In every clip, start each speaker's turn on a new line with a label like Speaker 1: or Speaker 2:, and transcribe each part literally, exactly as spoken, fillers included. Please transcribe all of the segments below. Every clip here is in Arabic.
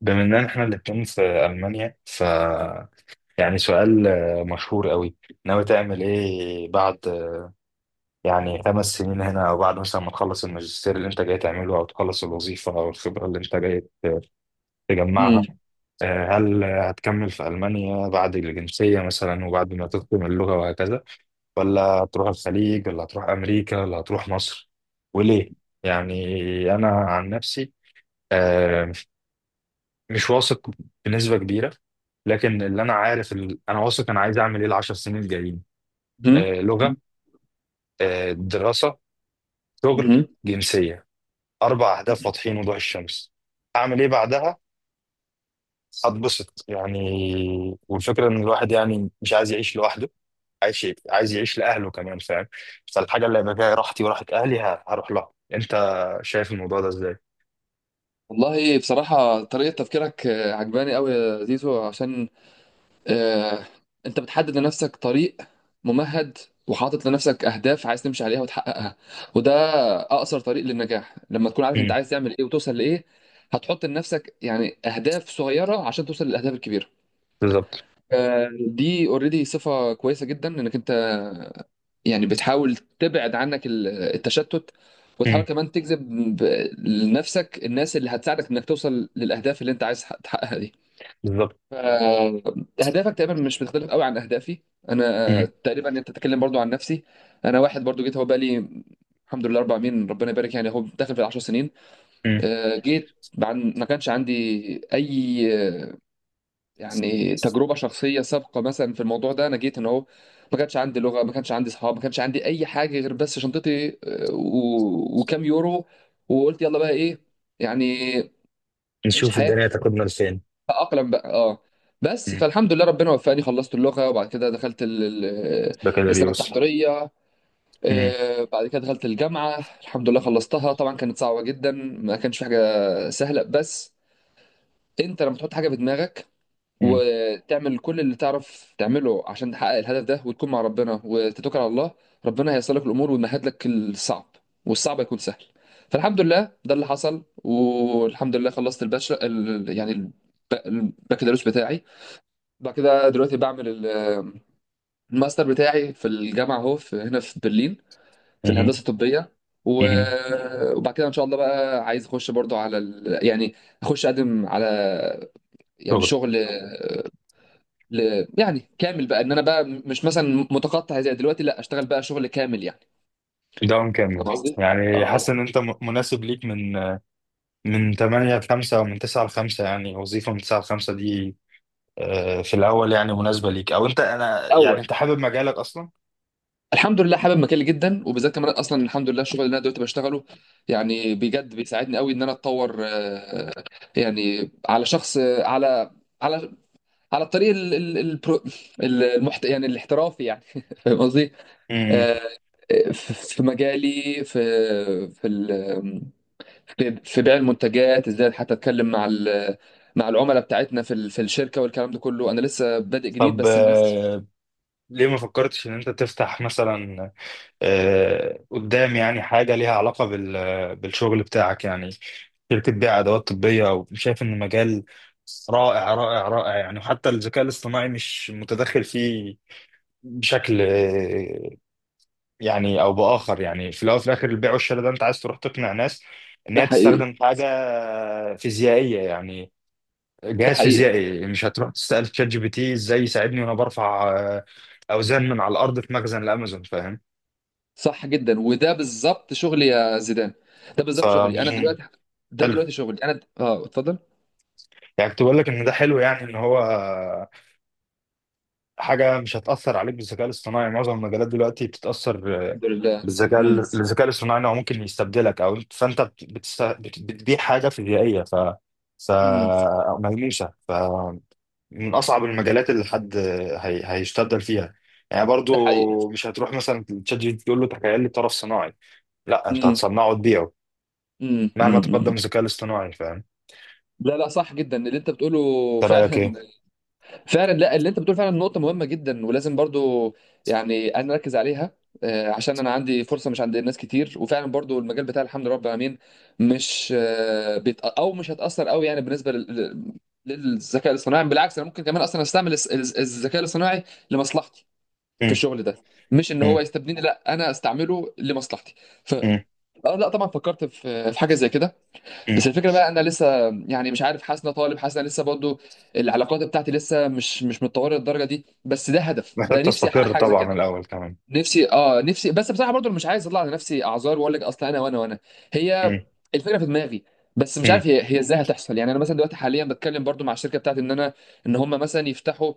Speaker 1: بما ان احنا الاتنين في المانيا، ف يعني سؤال آه، مشهور قوي. ناوي تعمل ايه بعد يعني خمس سنين هنا، او بعد مثلا ما تخلص الماجستير اللي انت جاي تعمله، او تخلص الوظيفه او الخبره اللي انت جاي ت-
Speaker 2: مم.
Speaker 1: تجمعها. آه، هل هتكمل في المانيا بعد الجنسيه مثلا وبعد ما تتقن اللغه وهكذا، ولا هتروح الخليج ولا هتروح امريكا ولا هتروح مصر، وليه؟ يعني انا عن نفسي آه، مش واثق بنسبة كبيرة، لكن اللي انا عارف ال... انا واثق انا عايز اعمل ايه العشر سنين الجايين.
Speaker 2: مم.
Speaker 1: آه لغة،
Speaker 2: مم.
Speaker 1: آه دراسة، شغل،
Speaker 2: مم.
Speaker 1: جنسية. اربع اهداف واضحين وضوح الشمس. اعمل ايه بعدها؟ هتبسط يعني. والفكرة ان الواحد يعني مش عايز يعيش لوحده، عايز عايز يعيش لاهله كمان، فاهم؟ فالحاجة اللي هيبقى فيها راحتي وراحة اهلي ه- هروح لها. انت شايف الموضوع ده ازاي؟
Speaker 2: والله بصراحة طريقة تفكيرك آه، عجباني قوي يا زيزو، عشان آه، انت بتحدد لنفسك طريق ممهد، وحاطط لنفسك اهداف عايز تمشي عليها وتحققها، وده اقصر طريق للنجاح لما تكون عارف انت
Speaker 1: مم.
Speaker 2: عايز تعمل ايه وتوصل لايه. هتحط لنفسك يعني اهداف صغيرة عشان توصل للاهداف الكبيرة.
Speaker 1: بالظبط.
Speaker 2: آه، دي اوريدي صفة كويسة جدا انك انت يعني بتحاول تبعد عنك ال- التشتت،
Speaker 1: مم.
Speaker 2: وتحاول كمان تجذب ب- لنفسك الناس اللي هتساعدك انك توصل للاهداف اللي انت عايز تحقق- تحققها دي.
Speaker 1: بالظبط.
Speaker 2: ف- اهدافك تقريبا مش بتختلف قوي عن اهدافي انا.
Speaker 1: مم.
Speaker 2: آه، تقريبا انت تتكلم برضو عن نفسي. انا واحد برضو جيت، هو بقالي الحمد لله اربع سنين ربنا يبارك، يعني هو داخل في العشر سنين.
Speaker 1: مم.
Speaker 2: آه، جيت، عن ما كانش عندي اي يعني تجربه شخصيه سابقه مثلا في الموضوع ده، انا جيت هنا اهو، ما كانش عندي لغه، ما كانش عندي اصحاب، ما كانش عندي اي حاجه غير بس شنطتي آه، و... وكام يورو. وقلت يلا بقى ايه يعني، عيش
Speaker 1: نشوف
Speaker 2: حياتك،
Speaker 1: الدنيا تاخدنا لفين.
Speaker 2: اقلم بقى اه. بس
Speaker 1: مم.
Speaker 2: فالحمد لله ربنا وفقني، خلصت اللغه، وبعد كده دخلت ال... ال-
Speaker 1: ده كده
Speaker 2: السنه
Speaker 1: ريوس.
Speaker 2: التحضيريه.
Speaker 1: مم.
Speaker 2: آه، بعد كده دخلت الجامعه، الحمد لله خلصتها، طبعا كانت صعبه جدا، ما كانش في حاجه سهله، بس انت لما تحط حاجه في دماغك،
Speaker 1: مم.
Speaker 2: وتعمل كل اللي تعرف تعمله عشان تحقق الهدف ده، وتكون مع ربنا وتتوكل على الله، ربنا هيسر لك الامور ويمهد لك الصعب، والصعب هيكون سهل. فالحمد لله ده اللي حصل، والحمد لله خلصت الباشا ال... يعني الب- البكالوريوس بتاعي. بعد كده دلوقتي بعمل ال- الماستر بتاعي في الجامعه اهو، في هنا في برلين، في
Speaker 1: مم.
Speaker 2: الهندسه الطبيه. و...
Speaker 1: مم.
Speaker 2: وبعد كده ان شاء الله بقى عايز اخش برضو على ال... يعني اخش اقدم على يعني
Speaker 1: شغل.
Speaker 2: شغل، ل... يعني كامل بقى، ان انا بقى مش مثلا متقطع زي دلوقتي، لا اشتغل بقى شغل كامل يعني.
Speaker 1: ده مكمل.
Speaker 2: فاهم قصدي؟
Speaker 1: يعني حاسس ان
Speaker 2: اه.
Speaker 1: انت م- مناسب ليك، من من ثمانية ل خمسة او من تسعة ل خمسة، يعني وظيفه من تسعة ل خمسة دي آه، في الاول يعني مناسبه ليك؟ او انت انا يعني
Speaker 2: اول،
Speaker 1: انت حابب مجالك اصلا؟
Speaker 2: الحمد لله حابب مجالي جدا، وبالذات كمان اصلا الحمد لله الشغل اللي انا دلوقتي بشتغله يعني بجد بيساعدني قوي ان انا اتطور. آه، يعني على شخص، آه، على على على الطريق ال- ال- البرو- ال- المحت... يعني الاحترافي يعني فاهم قصدي؟
Speaker 1: مم.
Speaker 2: آه، في في مجالي في في ال... في في بيع المنتجات، ازاي حتى اتكلم مع ال- مع العملاء بتاعتنا في ال- في الشركه، والكلام ده كله انا لسه بادئ جديد
Speaker 1: طب
Speaker 2: بس الناس.
Speaker 1: آه، ليه ما فكرتش ان انت تفتح مثلا آه، قدام، يعني حاجة ليها علاقة بال- بالشغل بتاعك، يعني شركة بيع أدوات طبية، وشايف إن مجال رائع رائع رائع يعني. وحتى الذكاء الاصطناعي مش متدخل فيه بشكل آه، يعني أو بآخر، يعني في الأول وفي الآخر البيع والشراء ده أنت عايز تروح تقنع ناس إن
Speaker 2: ده
Speaker 1: هي تستخدم
Speaker 2: حقيقي.
Speaker 1: حاجة فيزيائية يعني،
Speaker 2: ده
Speaker 1: جهاز
Speaker 2: حقيقي.
Speaker 1: فيزيائي. مش هتروح تسأل تشات جي بي تي إزاي يساعدني وأنا برفع آه، أوزان من على الأرض في مخزن الأمازون، فاهم؟
Speaker 2: صح جدا، وده بالظبط شغلي يا زيدان، ده بالظبط شغلي انا
Speaker 1: ف
Speaker 2: دلوقتي، ده
Speaker 1: حلو،
Speaker 2: دلوقتي شغلي انا د- اه اتفضل.
Speaker 1: يعني كنت بقول لك ان ده حلو يعني ان هو حاجه مش هتاثر عليك بالذكاء الاصطناعي. معظم المجالات دلوقتي بتتاثر آه،
Speaker 2: الحمد لله.
Speaker 1: بالذكاء
Speaker 2: امم.
Speaker 1: ال- الذكاء الاصطناعي، إن هو ممكن يستبدلك، او أنت- فانت بت- بتست... بت- بتبيع حاجه فيزيائيه، ف ف
Speaker 2: امم.
Speaker 1: أو ملموسه، ف من اصعب المجالات اللي حد هي... هيستبدل فيها. يعني
Speaker 2: ده حقيقي.
Speaker 1: برضو مش هتروح مثلا تشات جي بي تي تقول له تخيل لي طرف صناعي، لا انت
Speaker 2: امم.
Speaker 1: هتصنعه وتبيعه
Speaker 2: امم.
Speaker 1: مهما تقدم
Speaker 2: امم.
Speaker 1: الذكاء الاصطناعي، فاهم؟
Speaker 2: لا لا، صح جدا اللي انت بتقوله.
Speaker 1: انت رايك ايه؟
Speaker 2: فعلا فعلا، لا اللي انت بتقول فعلا نقطة مهمة جدا، ولازم برضو يعني انا اركز عليها. آه، عشان انا عندي فرصة مش عند ناس كتير، وفعلا برضو المجال بتاع الحمد لله رب العالمين مش آه، بيت، او مش هتأثر قوي يعني بالنسبة لل- للذكاء الاصطناعي. بالعكس، انا ممكن كمان اصلا استعمل الس- الس- الذكاء الاصطناعي لمصلحتي في
Speaker 1: مم.
Speaker 2: الشغل ده، مش ان هو
Speaker 1: مم.
Speaker 2: يستبدلني، لا انا استعمله لمصلحتي. ف آه، لا طبعا فكرت في في حاجة زي كده،
Speaker 1: مم.
Speaker 2: بس الفكره بقى انا لسه يعني مش عارف، حاسس إن أنا طالب، حاسس إن أنا لسه برضو العلاقات بتاعتي لسه مش مش متطوره للدرجه دي، بس ده هدف،
Speaker 1: محتاج
Speaker 2: ده نفسي احقق
Speaker 1: تستقر
Speaker 2: حاجه زي
Speaker 1: طبعا
Speaker 2: كده.
Speaker 1: الأول كمان.
Speaker 2: نفسي اه، نفسي، بس بصراحه برضو أنا مش عايز اطلع على نفسي اعذار واقول لك اصل انا وانا وانا، هي
Speaker 1: مم.
Speaker 2: الفكره في دماغي، بس مش
Speaker 1: مم.
Speaker 2: عارف هي هي ازاي هتحصل. يعني انا مثلا دلوقتي حاليا بتكلم برضو مع الشركه بتاعتي ان انا ان هم مثلا يفتحوا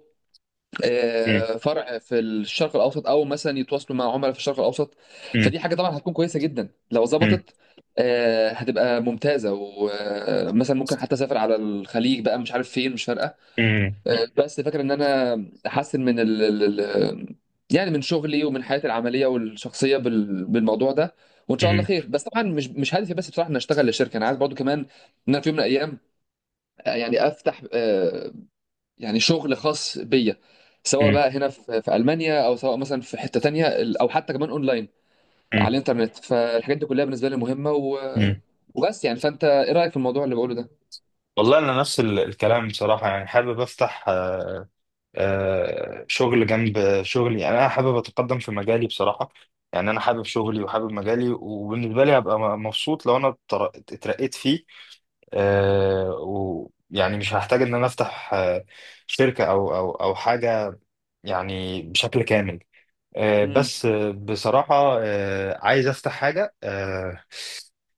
Speaker 1: مم.
Speaker 2: آه، فرع في الشرق الاوسط، او مثلا يتواصلوا مع عملاء في الشرق الاوسط،
Speaker 1: مم.
Speaker 2: فدي حاجه طبعا هتكون كويسه جدا لو
Speaker 1: مم.
Speaker 2: ظبطت. آه، هتبقى ممتازه، ومثلا ممكن حتى اسافر على الخليج بقى، مش عارف فين، مش فارقه.
Speaker 1: مم.
Speaker 2: آه، بس فاكر ان انا احسن من ال ال- ال- يعني من شغلي ومن حياتي العمليه والشخصيه بال- بالموضوع ده، وان شاء الله
Speaker 1: مم.
Speaker 2: خير. بس طبعا مش مش هدفي بس بصراحه ان اشتغل لشركه، انا عايز برضو كمان ان انا في يوم من الايام آه، يعني افتح، آه، يعني شغل خاص بيا، سواء
Speaker 1: مم.
Speaker 2: بقى هنا في في المانيا، او سواء مثلا في حته تانية ال- او حتى كمان اونلاين على
Speaker 1: مم.
Speaker 2: الانترنت. فالحاجات دي كلها بالنسبه لي مهمه و...
Speaker 1: مم.
Speaker 2: وبس يعني، فانت ايه رايك في الموضوع اللي بقوله ده؟
Speaker 1: والله أنا نفس ال- الكلام بصراحة. يعني حابب أفتح آه، شغل جنب شغلي. يعني أنا حابب أتقدم في مجالي بصراحة. يعني أنا حابب شغلي وحابب مجالي، وبالنسبة لي هبقى م- مبسوط لو أنا اتر- اترقيت فيه، آه، ويعني مش هحتاج إن أنا أفتح آه، شركة أو أو أو حاجة يعني بشكل كامل. آه،
Speaker 2: امم.
Speaker 1: بس آه، بصراحة آه، عايز أفتح حاجة آه،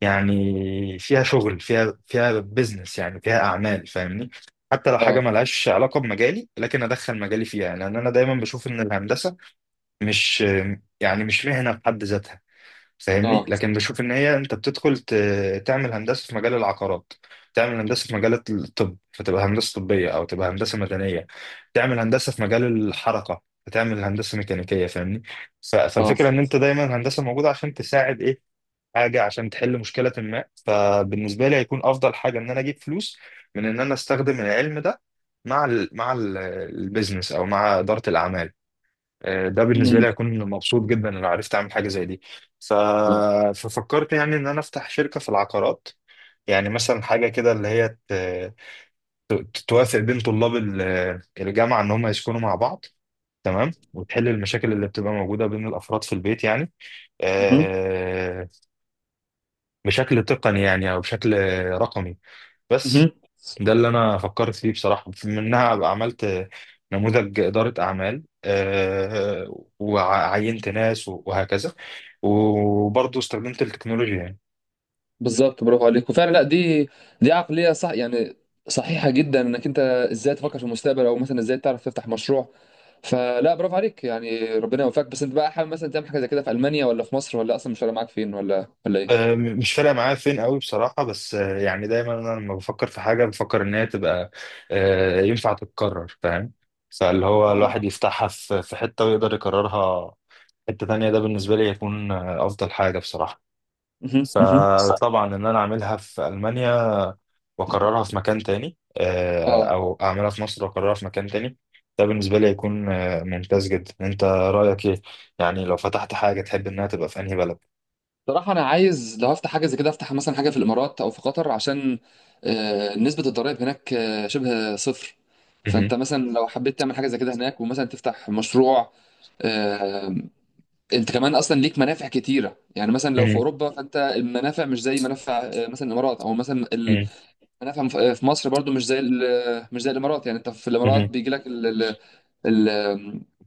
Speaker 1: يعني فيها شغل، فيها فيها بيزنس يعني فيها أعمال، فاهمني؟ حتى لو حاجة
Speaker 2: اه.
Speaker 1: ملهاش علاقة بمجالي، لكن أدخل مجالي فيها، لأن أنا دايما بشوف إن الهندسة مش آه، يعني مش مهنة بحد ذاتها، فاهمني؟
Speaker 2: اه.
Speaker 1: لكن بشوف ان هي انت بتدخل ت- تعمل هندسه في مجال العقارات، تعمل هندسه في مجال الطب فتبقى هندسه طبيه او تبقى هندسه مدنيه، تعمل هندسه في مجال الحركه فتعمل هندسه ميكانيكيه، فاهمني؟ ف-
Speaker 2: اه.
Speaker 1: فالفكره ان انت دايما الهندسه موجوده عشان تساعد ايه، حاجه عشان تحل مشكله ما. فبالنسبه لي هيكون افضل حاجه ان انا اجيب فلوس من ان انا استخدم العلم ده مع ال مع ال- البيزنس او مع اداره الاعمال. آه، ده بالنسبه
Speaker 2: امم.
Speaker 1: لي هكون مبسوط جدا لو عرفت اعمل حاجه زي دي. ف...
Speaker 2: اه.
Speaker 1: ففكرت يعني ان انا افتح شركه في العقارات، يعني مثلا حاجه كده اللي هي ت... ت- توافق بين طلاب ال- الجامعه ان هم يسكنوا مع بعض، تمام. وتحل المشاكل اللي بتبقى موجوده بين الافراد في البيت يعني،
Speaker 2: مهم.
Speaker 1: آه، بشكل تقني يعني او بشكل رقمي بس.
Speaker 2: مهم.
Speaker 1: ده اللي انا فكرت فيه بصراحه، منها أبقى عملت نموذج اداره اعمال، آه، وعينت ناس وهكذا، وبرضه استخدمت التكنولوجيا يعني.
Speaker 2: بالظبط، برافو عليك، وفعلا لا دي دي عقليه صح يعني، صحيحه جدا، انك انت ازاي تفكر في المستقبل، او مثلا ازاي تعرف تفتح مشروع. فلا، برافو عليك، يعني ربنا يوفقك. بس انت بقى حابب مثلا تعمل حاجه زي كده في المانيا، ولا في مصر، ولا اصلا مش فارق معاك فين، ولا ولا ايه؟
Speaker 1: آه، مش فارقه معايا فين قوي بصراحه، بس آه، يعني دايما انا لما بفكر في حاجه، بفكر ان هي تبقى آه، ينفع تتكرر، فاهم؟ فاللي هو الواحد
Speaker 2: اه.
Speaker 1: يفتحها في في حته ويقدر يكررها حته تانيه، ده بالنسبه لي يكون آه، افضل حاجه بصراحه.
Speaker 2: مهم، مهم.
Speaker 1: فطبعا ان انا اعملها في المانيا واكررها في مكان تاني، آه،
Speaker 2: اه.
Speaker 1: او اعملها في مصر واكررها في مكان تاني، ده بالنسبه لي هيكون آه، ممتاز جدا. انت رايك ايه؟ يعني لو فتحت حاجه تحب انها تبقى في انهي بلد؟
Speaker 2: صراحة أنا عايز لو هفتح حاجة زي كده، أفتح مثلا حاجة في الإمارات أو في قطر، عشان آه، نسبة الضرائب هناك آه، شبه صفر. فأنت
Speaker 1: مهم.
Speaker 2: مثلا لو حبيت تعمل حاجة زي كده هناك، ومثلا تفتح مشروع، آه، انت كمان اصلا ليك منافع كتيره، يعني مثلا لو في
Speaker 1: مهم.
Speaker 2: اوروبا فانت المنافع مش زي منافع آه، مثلا الامارات، او مثلا
Speaker 1: مهم.
Speaker 2: المنافع في مصر برضو مش زي ال- مش زي الامارات. يعني انت في
Speaker 1: مهم.
Speaker 2: الامارات بيجي لك ال-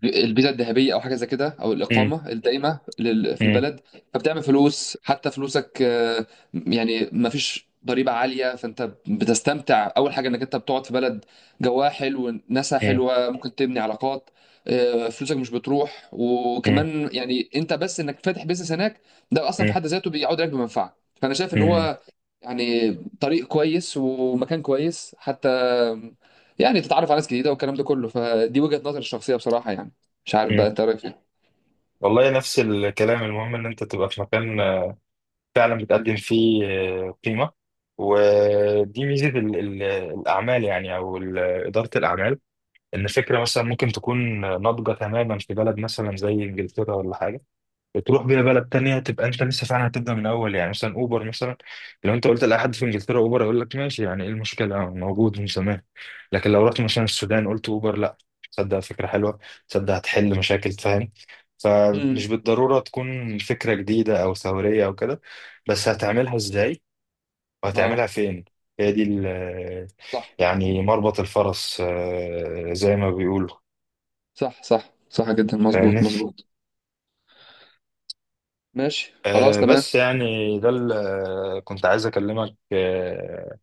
Speaker 2: الفيزا الذهبيه او حاجه زي كده، او
Speaker 1: مهم.
Speaker 2: الاقامه الدائمه لل- في
Speaker 1: مهم.
Speaker 2: البلد. فبتعمل فلوس، حتى فلوسك آه، يعني ما فيش ضريبه عاليه، فانت بتستمتع اول حاجه انك انت بتقعد في بلد جواها حلو، ناسها
Speaker 1: مهم.
Speaker 2: حلوه، ممكن تبني علاقات. آه، فلوسك مش بتروح،
Speaker 1: مهم.
Speaker 2: وكمان يعني انت بس انك فاتح بيزنس هناك ده اصلا في حد ذاته بيعود عليك بمنفعه. فانا شايف ان
Speaker 1: مهم.
Speaker 2: هو يعني طريق كويس، ومكان كويس حتى يعني تتعرف على ناس جديده والكلام ده كله. فدي وجهه نظري الشخصيه بصراحه يعني، مش عارف
Speaker 1: مهم.
Speaker 2: بقى انت رايك ايه.
Speaker 1: والله نفس الكلام. المهم ان انت تبقى في مكان آه، فعلا بتقدم فيه آه، قيمه. ودي ميزه ال- ال- الاعمال، يعني او ال- اداره الاعمال، ان فكره مثلا ممكن تكون ناضجه تماما في بلد مثلا زي انجلترا ولا حاجه، بتروح بيها بلد تانية تبقى انت لسه فعلا هتبدا من الاول. يعني مثلا اوبر مثلا، لو انت قلت لاي حد في انجلترا اوبر يقول لك ماشي، يعني ايه المشكله؟ آه، موجود من زمان. لكن لو رحت مثلا السودان قلت اوبر، لا، تصدق فكره حلوه، تصدق هتحل مشاكل، فاهم؟ فمش
Speaker 2: امم.
Speaker 1: بالضروره تكون فكره جديده او ثوريه او كده، بس هتعملها ازاي
Speaker 2: اه.
Speaker 1: وهتعملها فين، هي دي ال-
Speaker 2: صح
Speaker 1: يعني مربط الفرس آه، زي ما بيقولوا،
Speaker 2: صح صح، صح جدا،
Speaker 1: فاهمني؟
Speaker 2: مظبوط مظبوط. ماشي خلاص
Speaker 1: آه
Speaker 2: تمام.
Speaker 1: بس يعني ده اللي كنت عايز اكلمك آه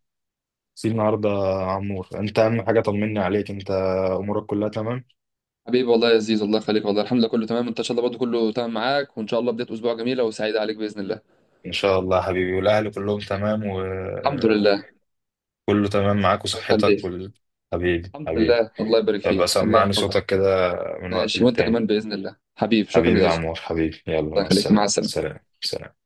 Speaker 1: فيه النهارده يا عمور. انت اهم حاجه، طمني عليك، انت امورك كلها تمام؟
Speaker 2: حبيبي والله يا عزيز، الله يخليك. والله الحمد لله كله تمام. انت ان شاء الله برضه كله تمام معاك، وان شاء الله بدايه اسبوع جميله وسعيده عليك باذن الله.
Speaker 1: ان شاء الله يا حبيبي، والاهل كلهم تمام
Speaker 2: الحمد
Speaker 1: وكله
Speaker 2: لله.
Speaker 1: تمام معاك
Speaker 2: الله
Speaker 1: وصحتك
Speaker 2: يخليك.
Speaker 1: وال... حبيبي
Speaker 2: الحمد
Speaker 1: حبيبي.
Speaker 2: لله، الله يبارك
Speaker 1: ابقى
Speaker 2: فيك، الله
Speaker 1: سمعني
Speaker 2: يحفظك.
Speaker 1: صوتك كده من وقت
Speaker 2: ماشي وانت
Speaker 1: للتاني.
Speaker 2: كمان باذن الله حبيبي، شكرا يا
Speaker 1: حبيبي يا
Speaker 2: زيزو.
Speaker 1: عمور حبيبي، يلا
Speaker 2: الله
Speaker 1: مع
Speaker 2: يخليك، مع
Speaker 1: السلامه،
Speaker 2: السلامه.
Speaker 1: سلام سلام.